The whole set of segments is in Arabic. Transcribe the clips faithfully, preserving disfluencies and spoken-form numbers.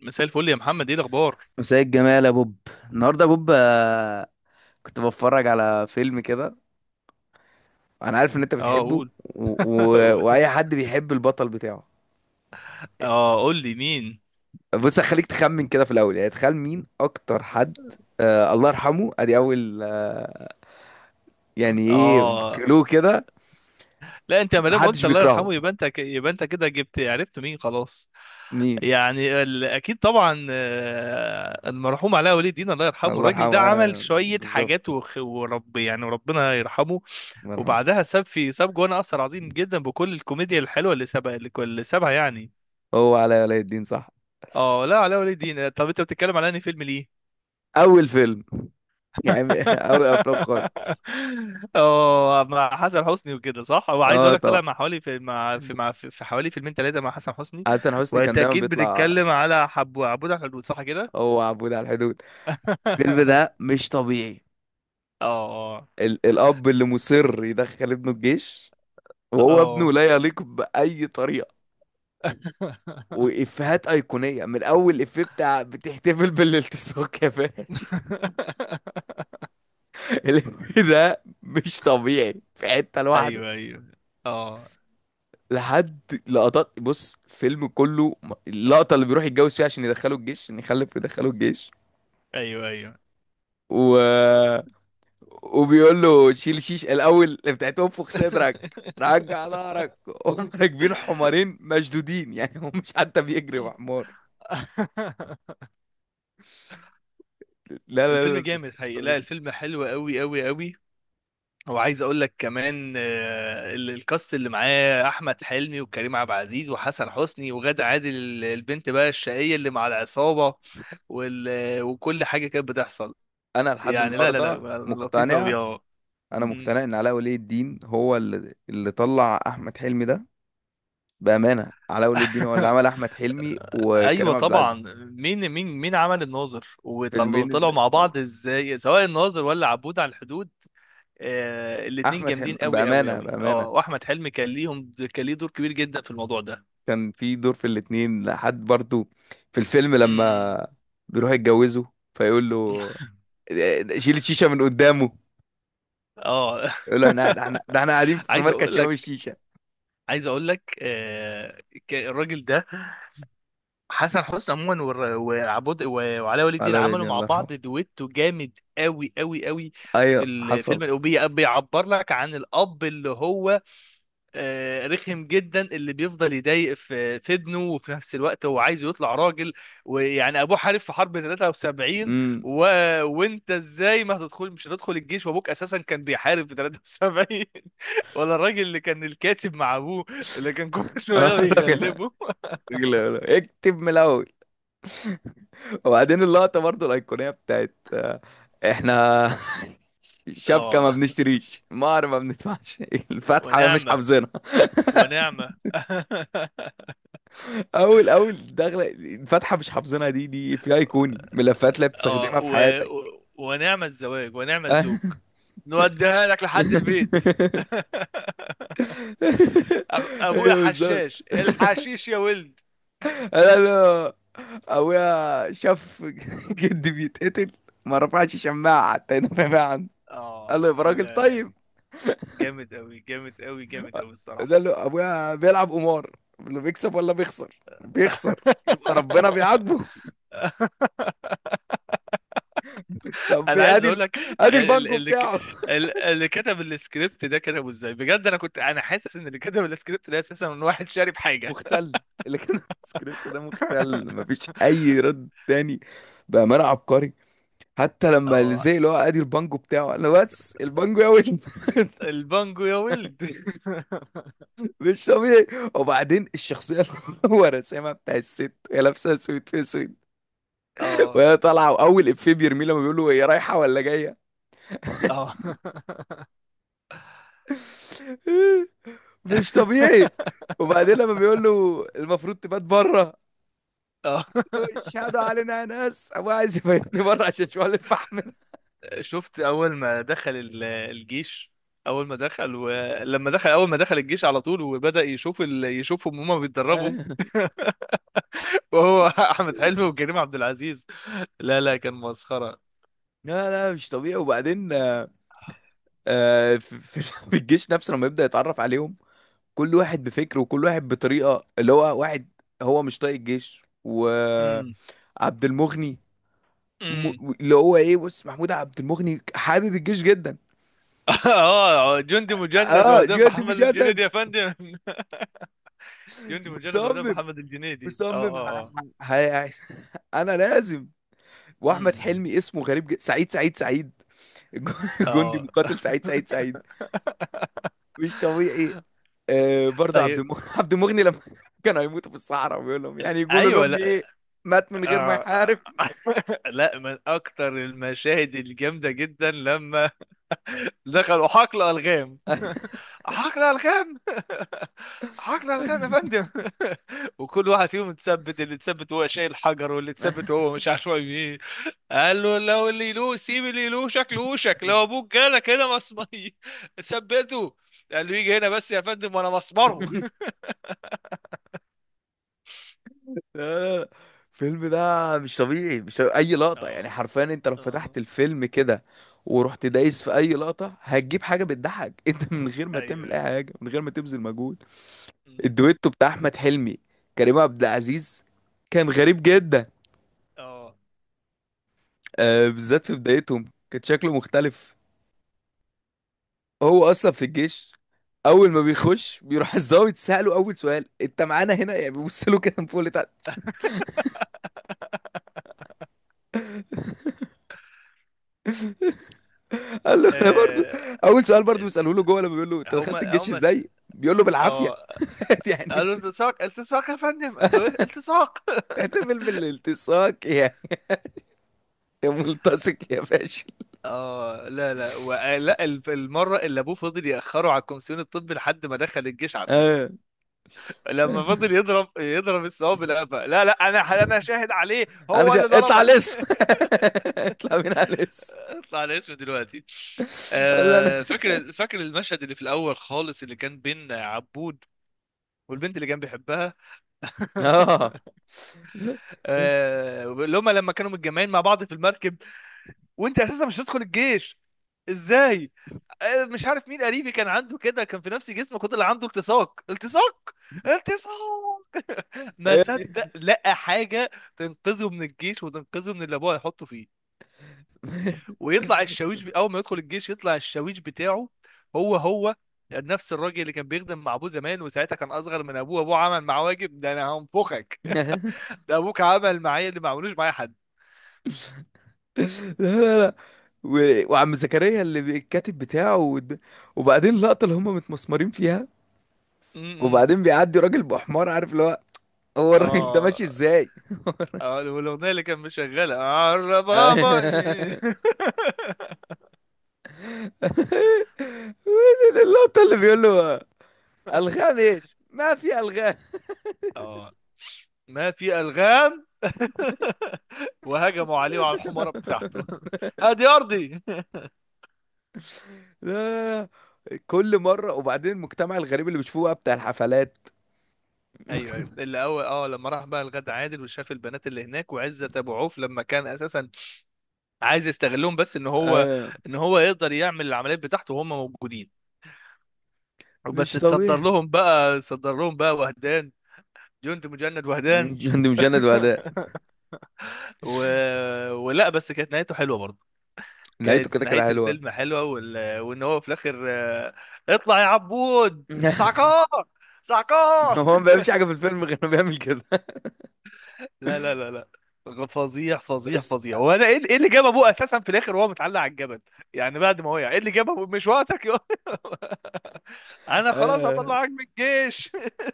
مساء الفل يا محمد، ايه الاخبار؟ مساء الجمال يا بوب. النهارده يا بوب، آه، كنت بتفرج على فيلم كده. انا عارف ان انت اه بتحبه قول. و... و... واي حد بيحب البطل بتاعه. اه قول لي مين. بص، هخليك تخمن كده في الاول، يعني تخيل مين اكتر حد، آه الله يرحمه. ادي اول، آه يعني ايه اه كلو كده. لا انت ما دام محدش قلت الله بيكرهه. يرحمه يبقى انت ك- يبقى انت كده جبت عرفت مين خلاص. مين؟ يعني ال... اكيد طبعا، آه، المرحوم علاء ولي الدين الله يرحمه. الله الراجل يرحمه، ده عمل آه، شويه بالظبط. حاجات وخ... ورب يعني وربنا يرحمه. الله يرحمه. وبعدها ساب في ساب جوانا اثر عظيم جدا بكل الكوميديا الحلوه اللي سابها اللي اللي سابها يعني. هو علاء ولي الدين، صح؟ اه لا علاء ولي الدين، طب انت بتتكلم على انهي فيلم ليه؟ اول فيلم، يعني اول افلام خالص. اه مع حسن حسني وكده، صح. هو عايز اه اقول لك طلع طبعا. مع حوالي في مع في مع في في حوالي فيلمين ثلاثه مع حسن حسني. حسن حسني كان وانت دايما اكيد بيطلع. بتتكلم على حب عبود على الحدود، صح كده؟ هو عبود على الحدود. الفيلم ده مش طبيعي. اه. ال الأب اللي مصر يدخل ابنه الجيش، وهو ابنه اه. لا يليق بأي طريقة. وإفيهات أيقونية من أول إفيه بتاع بتحتفل بالالتصاق يا فاشل. الإفيه ده مش طبيعي في حتة لوحده. ايوه ايوه. اه. لحد لقطات، بص الفيلم كله م- اللقطة اللي بيروح يتجوز فيها عشان يدخله الجيش، عشان يخلف ويدخله الجيش، ايوه ايوه. و وبيقول له شيل شيش الاول بتاعت انفخ صدرك رجع ظهرك. هم راكبين حمارين مشدودين، يعني هو مش حتى بيجري مع حمار. لا الفيلم لا لا، جامد مش حقيقي، لا طبيعي. الفيلم حلو قوي قوي قوي. وعايز اقول لك كمان، آه، ال- الكاست اللي معاه احمد حلمي وكريم عبد العزيز وحسن حسني وغادة عادل، ال- البنت بقى الشقيه اللي مع العصابه. وال... آه، وكل حاجه كانت بتحصل انا لحد يعني. لا لا لا النهارده لطيف قوي، مقتنع. اه. انا مم. مقتنع ان علاء ولي الدين هو اللي اللي طلع احمد حلمي ده. بامانه، علاء ولي الدين هو اللي عمل احمد حلمي ايوه وكريم عبد العزيز. طبعا. مين مين مين عمل الناظر وطلعوا فيلمين طلعوا اللي مع طلع. بعض ازاي، سواء الناظر ولا عبود على الحدود؟ آه الاتنين احمد جامدين حلمي، قوي قوي بامانه قوي، بامانه، اه. واحمد حلمي كان ليهم كان ليه دور كبير جدا في الموضوع ده. كان في دور في الاتنين لحد برضو. في الفيلم مم. لما بيروح يتجوزه فيقول له "إيه، شيل الشيشة من قدامه". اه. يقول له احنا، احنا ده احنا قاعدين في عايز مركز اقول شباب لك الشيشة. عايز اقول لك، آه، ك- الراجل ده، حسن حسني عموما والر- وعبود و- وعلاء ولي الدين على عملوا ولادي مع الله يرحمه. بعض دويتو جامد قوي قوي قوي. في ايوه حصل. الفيلم الأوبية بيعبر لك عن الأب اللي هو، آه، رخم جدا، اللي بيفضل يضايق في في ابنه، وفي نفس الوقت هو عايز يطلع راجل. ويعني ابوه حارب في حرب ثلاثة وسبعين. امم. و... وانت ازاي ما هتدخل مش هتدخل الجيش وابوك اساسا كان بيحارب في ثلاثة وسبعين؟ ولا الراجل اللي كان الكاتب مع ابوه، اللي كان كل اه شويه الراجل، الراجل بيغلبه. يقول له اكتب من الاول. وبعدين اللقطة برضو الأيقونية بتاعت آه، احنا شبكة ما اه، بنشتريش، مهر ما بندفعش، الفاتحة مش ونعمه. حافظينها. ونعمه. اول اول دخله، فاتحه مش حافظينها، دي دي في ايقوني ملفات لا اه بتستخدمها في و... حياتك. و... ونعمه الزواج ونعمه الزوج، نوديها لك لحد البيت. أخ- ابويا ايوه بالظبط. حشاش الحشيش يا ولد. انا انا ابويا شاف جدي بيتقتل، ما رفعش شماعه حتى ينفع عنه. قال له يا اه راجل لا طيب. لا، جامد قوي جامد قوي جامد قوي الصراحه. قال له ابويا بيلعب قمار، اللي بيكسب ولا بيخسر بيخسر، يبقى ربنا بيعاقبه. طب انا إيه، عايز اقول ادي، لك، ادي ال- البانكو اللي ك- بتاعه. ال- اللي كتب السكريبت ده كتبه ازاي بجد؟ انا كنت انا حاسس ان اللي كتب السكريبت ده اساسا من واحد شارب حاجه. مختل. اللي كان في السكريبت ده مختل، مفيش اي رد تاني. بامانه عبقري. حتى لما اه، زي اللي هو ادي البانجو بتاعه، انا بس البانجو يا ويل. البانجو يا ولد. مش طبيعي. وبعدين الشخصيه اللي هو رسامها بتاع الست، هي لابسه سويت في سويت، اه. وهي طالعه، واول افيه بيرميه لما بيقول له هي رايحه ولا جايه. اه. مش طبيعي. وبعدين لما بيقول له المفروض تبات بره، اه اشهدوا علينا يا ناس ابويا عايز يبيتني بره عشان شوال الفحم. شفت اول ما دخل ال- الجيش؟ اول ما دخل ولما دخل اول ما دخل الجيش على طول وبدأ يشوف ال... يشوفهم هما بيتدربوا. وهو احمد حلمي وكريم عبد العزيز، لا لا كان مسخرة. لا لا، مش طبيعي. وبعدين آه، آه، في في- في الجيش نفسه، لما يبدأ يتعرف عليهم، كل واحد بفكر وكل واحد بطريقة، اللي هو واحد هو مش طايق الجيش، امم. وعبد المغني، امم. م- اللي هو ايه، بص محمود عبد المغني حابب الجيش جدا. اه، جندي مجند اه وهدام جد محمد مجدد. الجنيدي يا فندم. جندي مجند وهدام مصمم محمد الجنيدي. اه مصمم اه ه- اه. ه- ه- انا لازم. واحمد امم. حلمي اسمه غريب جدا، سعيد سعيد سعيد. جندي اه. مقاتل سعيد سعيد سعيد. مش طبيعي. آه، برضه عبد طيب المغني عبد المغني لما كانوا هيموتوا في الصحراء، وبيقول لهم ال- يعني يقولوا ايوه. لهم ايه. مات من غير ما آه. يحارب. لا من اكتر المشاهد الجامده جدا لما دخلوا حقل الغام. حقل الغام. حقل الغام يا فندم. وكل واحد فيهم اتثبت، اللي اتثبت هو شايل حجر، واللي لا، اتثبت هو مش عارف ايه. قال له لو اللي له سيب اللي له شكل وشك، لو ابوك جالك هنا مصمي ثبته. قال له يجي هنا بس يا فندم وانا مسمره. لا، لا. الفيلم ده مش طبيعي، مش طبيعي. اي لقطة، يعني اه. حرفيا، انت لو اه. فتحت الفيلم كده ورحت دايس أمم. في اي لقطة، هتجيب حاجة بتضحك. انت من غير ما ايوه تعمل اي ايوه. حاجة، من غير ما تبذل مجهود. أمم. الدويتو بتاع احمد حلمي، كريم عبد العزيز، كان غريب جدا. اه. آه، بالذات في بدايتهم كان شكله مختلف. هو اصلا في الجيش، اول ما بيخش بيروح الضابط ساله اول سؤال، انت معانا هنا؟ يعني بيبص له كده من فوق لتحت. قال له انا برضو. آه، اول سؤال برضو ال- بيساله له جوه، لما بيقول له انت دخلت هما الجيش هما س- ازاي، بيقول له بالعافيه. اه، يعني قالوا انت التصاق التصاق يا فندم، قال له ايه التصاق. تحتفل بالالتصاق يا، يا ملتصق يا فاشل. اه لا لا و... لا ال- المره اللي ابوه فضل ياخره على الكومسيون الطبي لحد ما دخل الجيش عافيه. آه. لما فضل يضرب يضرب الثواب بالقفا، لا لا انا انا شاهد عليه انا هو جا... اللي اطلع ضربك. لص. اطلع من على لص. اطلع على اسمه دلوقتي. قال له انا آه فاكر فاكر المشهد اللي في الاول خالص، اللي كان بين عبود والبنت اللي كان بيحبها. اه آه، اللي هما لما كانوا متجمعين مع بعض في المركب، وانت اساسا مش هتدخل الجيش، ازاي؟ آه، مش عارف مين قريبي كان عنده كده، كان في نفس جسمك، وده اللي عنده التصاق. التصاق. التصاق. ما هي صدق لقى حاجه تنقذه من الجيش وتنقذه من اللي ابوه هيحطه فيه. ويطلع الشاويش ب... اول ما يدخل الجيش يطلع الشاويش بتاعه هو هو نفس الراجل اللي كان بيخدم مع ابوه زمان، وساعتها كان اصغر من ابوه. ابوه عمل معاه واجب ده، انا هنفخك. دي. ده ابوك عمل معايا اللي ما عملوش معايا حد. لا لا لا، و... وعم زكريا اللي بي- الكاتب بتاعه ود... وبعدين اللقطة اللي هم متمسمرين فيها، م- م. وبعدين بيعدي راجل بحمار، عارف اللي هو، هو الراجل ده ماشي اه. ازاي. اه والاغنيه اللي كان مشغلها عرّ بابا إيه. وين اللقطة اللي بيقول له ألغام؟ ايش ما في ألغام. اه، ما في الغام. وهجموا عليه وعلى الحماره بتاعته. هادي ارضي. لا لا لا، كل مرة. وبعدين المجتمع الغريب اللي بيشوفوه بقى بتاع الحفلات. ايوه ايوه، اللي اول اه لما راح بقى الغد عادل وشاف البنات اللي هناك وعزت ابو عوف، لما كان اساسا عايز يستغلهم، بس ان هو ايوه ان هو يقدر يعمل العمليات بتاعته وهم موجودين. وبس مش تصدر طبيعي. لهم بقى، صدر لهم بقى وهدان. جند مجند وهدان. جند مجند وأداء. و... ولا بس كانت نهايته حلوه برضه. نهايته كانت كده كده نهاية حلوة. الفيلم حلوة، وال... وان هو في الاخر، آه، اطلع يا عبود سعكار. سعكار. هو ما بيعملش حاجه في الفيلم غير انه بيعمل كده. لا لا لا لا، فظيع فظيع بس فظيع. هو انا ايه، إيه اللي جاب ابوه اساسا في الاخر وهو متعلق على الجبل؟ يعني بعد ما وقع، ايه اللي جاب ابوه؟ مش وقتك يا. انا خلاص آه. هطلعك من الجيش.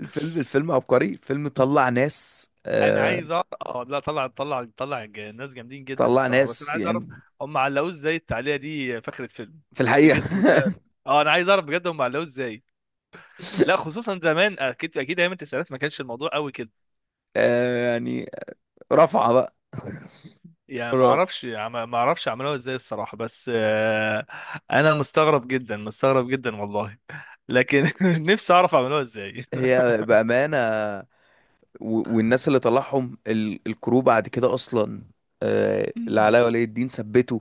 الفيلم الفيلم عبقري، الفيلم طلع ناس، انا آه عايز اعرف، اه لا طلع طلع طلع الج- الناس جامدين جدا طلع الصراحة، بس انا ناس عايز اعرف يعني. هم علقوه ازاي التعليقة دي في آخرة فيلم، في الحقيقه، بجسمه ده. اه انا عايز اعرف بجد هم علقوه ازاي. لا خصوصا زمان، اكيد اكيد ايام التسعينات ما كانش الموضوع قوي كده. آه يعني رفعه بقى. يعني ما رفعة. اعرفش عم- ما اعرفش عملوها ازاي الصراحه، بس آه، انا مستغرب جدا مستغرب جدا والله. لكن نفسي اعرف عملوها ازاي. هي بامانه، و- والناس اللي طلعهم ال- الكرو بعد كده اصلا، آه اللي علاء ولي الدين ثبته.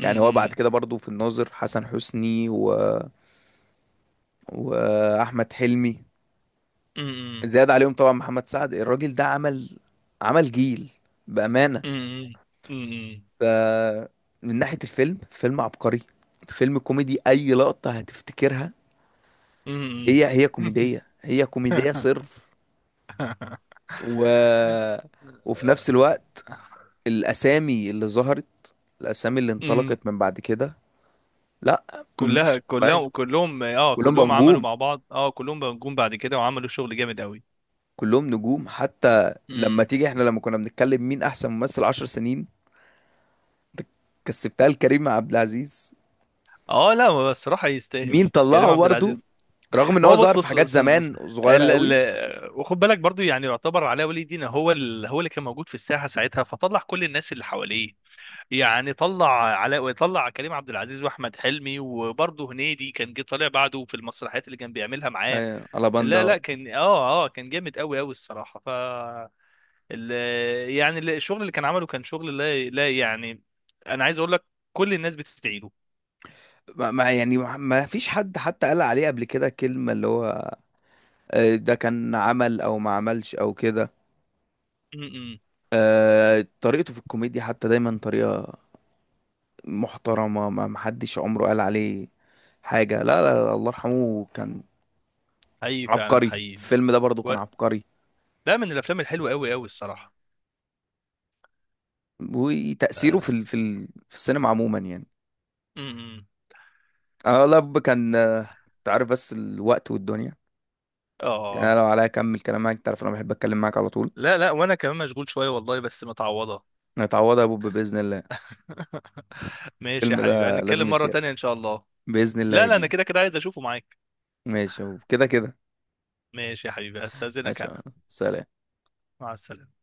أمم، هو بعد أمم، كده برضو في الناظر، حسن حسني و... واحمد حلمي، زياد عليهم طبعا محمد سعد. الراجل ده عمل، عمل جيل، بأمانة. أمم، أمم، أمم، ده من ناحية الفيلم، فيلم عبقري، فيلم كوميدي، أي لقطة هتفتكرها أمم. هي هي كوميدية، هي كوميدية صرف. و... وفي نفس الوقت، الأسامي اللي ظهرت، الأسامي اللي أمم. انطلقت من بعد كده، لا كلها، مش طبيعية. كلهم كلهم اه كلهم بقى كلهم عملوا نجوم، مع بعض، اه كلهم جم بعد كده وعملوا شغل جامد قوي. كلهم نجوم. حتى لما أمم. تيجي، احنا لما كنا بنتكلم مين أحسن ممثل عشر سنين، كسبتها لكريم عبد العزيز. اه لا هو الصراحه يستاهل، مين كريم طلعه عبد برضه؟ العزيز. رغم ان ما هو هو ظهر بص في بص حاجات بص بص، زمان صغيره ال قوي. ال وخد بالك برضو يعني، يعتبر علاء ولي الدين هو ال هو اللي كان موجود في الساحه ساعتها، فطلع كل الناس اللي حواليه. يعني طلع علاء، وطلع كريم عبد العزيز واحمد حلمي، وبرضو هنيدي كان جه طالع بعده في المسرحيات اللي كان بيعملها معاه. ايوه لا الاباندا. لا كان اه اه كان جامد قوي قوي الصراحه. ف ال يعني ال- الشغل اللي كان عمله كان شغل لا لا يعني، انا عايز اقول لك، كل الناس بتدعي له. ما ما- يعني ما فيش حد حتى قال عليه قبل كده كلمة اللي هو، آه، ده كان عمل او ما عملش او كده. م- م. آه، طريقته في الكوميديا حتى دايما طريقة محترمة. ما ما حدش عمره قال عليه حاجة. لا لا لا، الله يرحمه كان حقيقي فعلا عبقري. حقيقي. الفيلم ده برضو و... كان عبقري. لا من الافلام الحلوه قوي قوي الصراحه. وتأثيره في ال- في ال- في السينما عموما، يعني امم. انا والله ب- كان، آه، تعرف بس الوقت والدنيا، يعني أنا اه لو عليا اكمل كلام معاك، تعرف انا بحب اتكلم معاك على طول. لا لا، وانا كمان مشغول شويه والله بس متعوضه. نتعوضها يا بوب باذن الله. ماشي يا الفيلم حبيبي، ده لازم هنتكلم مره يتشاف، تانية ان شاء الله. باذن الله لا يا لا انا كبير. كده كده عايز اشوفه معاك. ماشي يا بوب، كده كده. ماشي يا حبيبي استاذنك ماشي يا انا. عم. سلام. مع السلامه.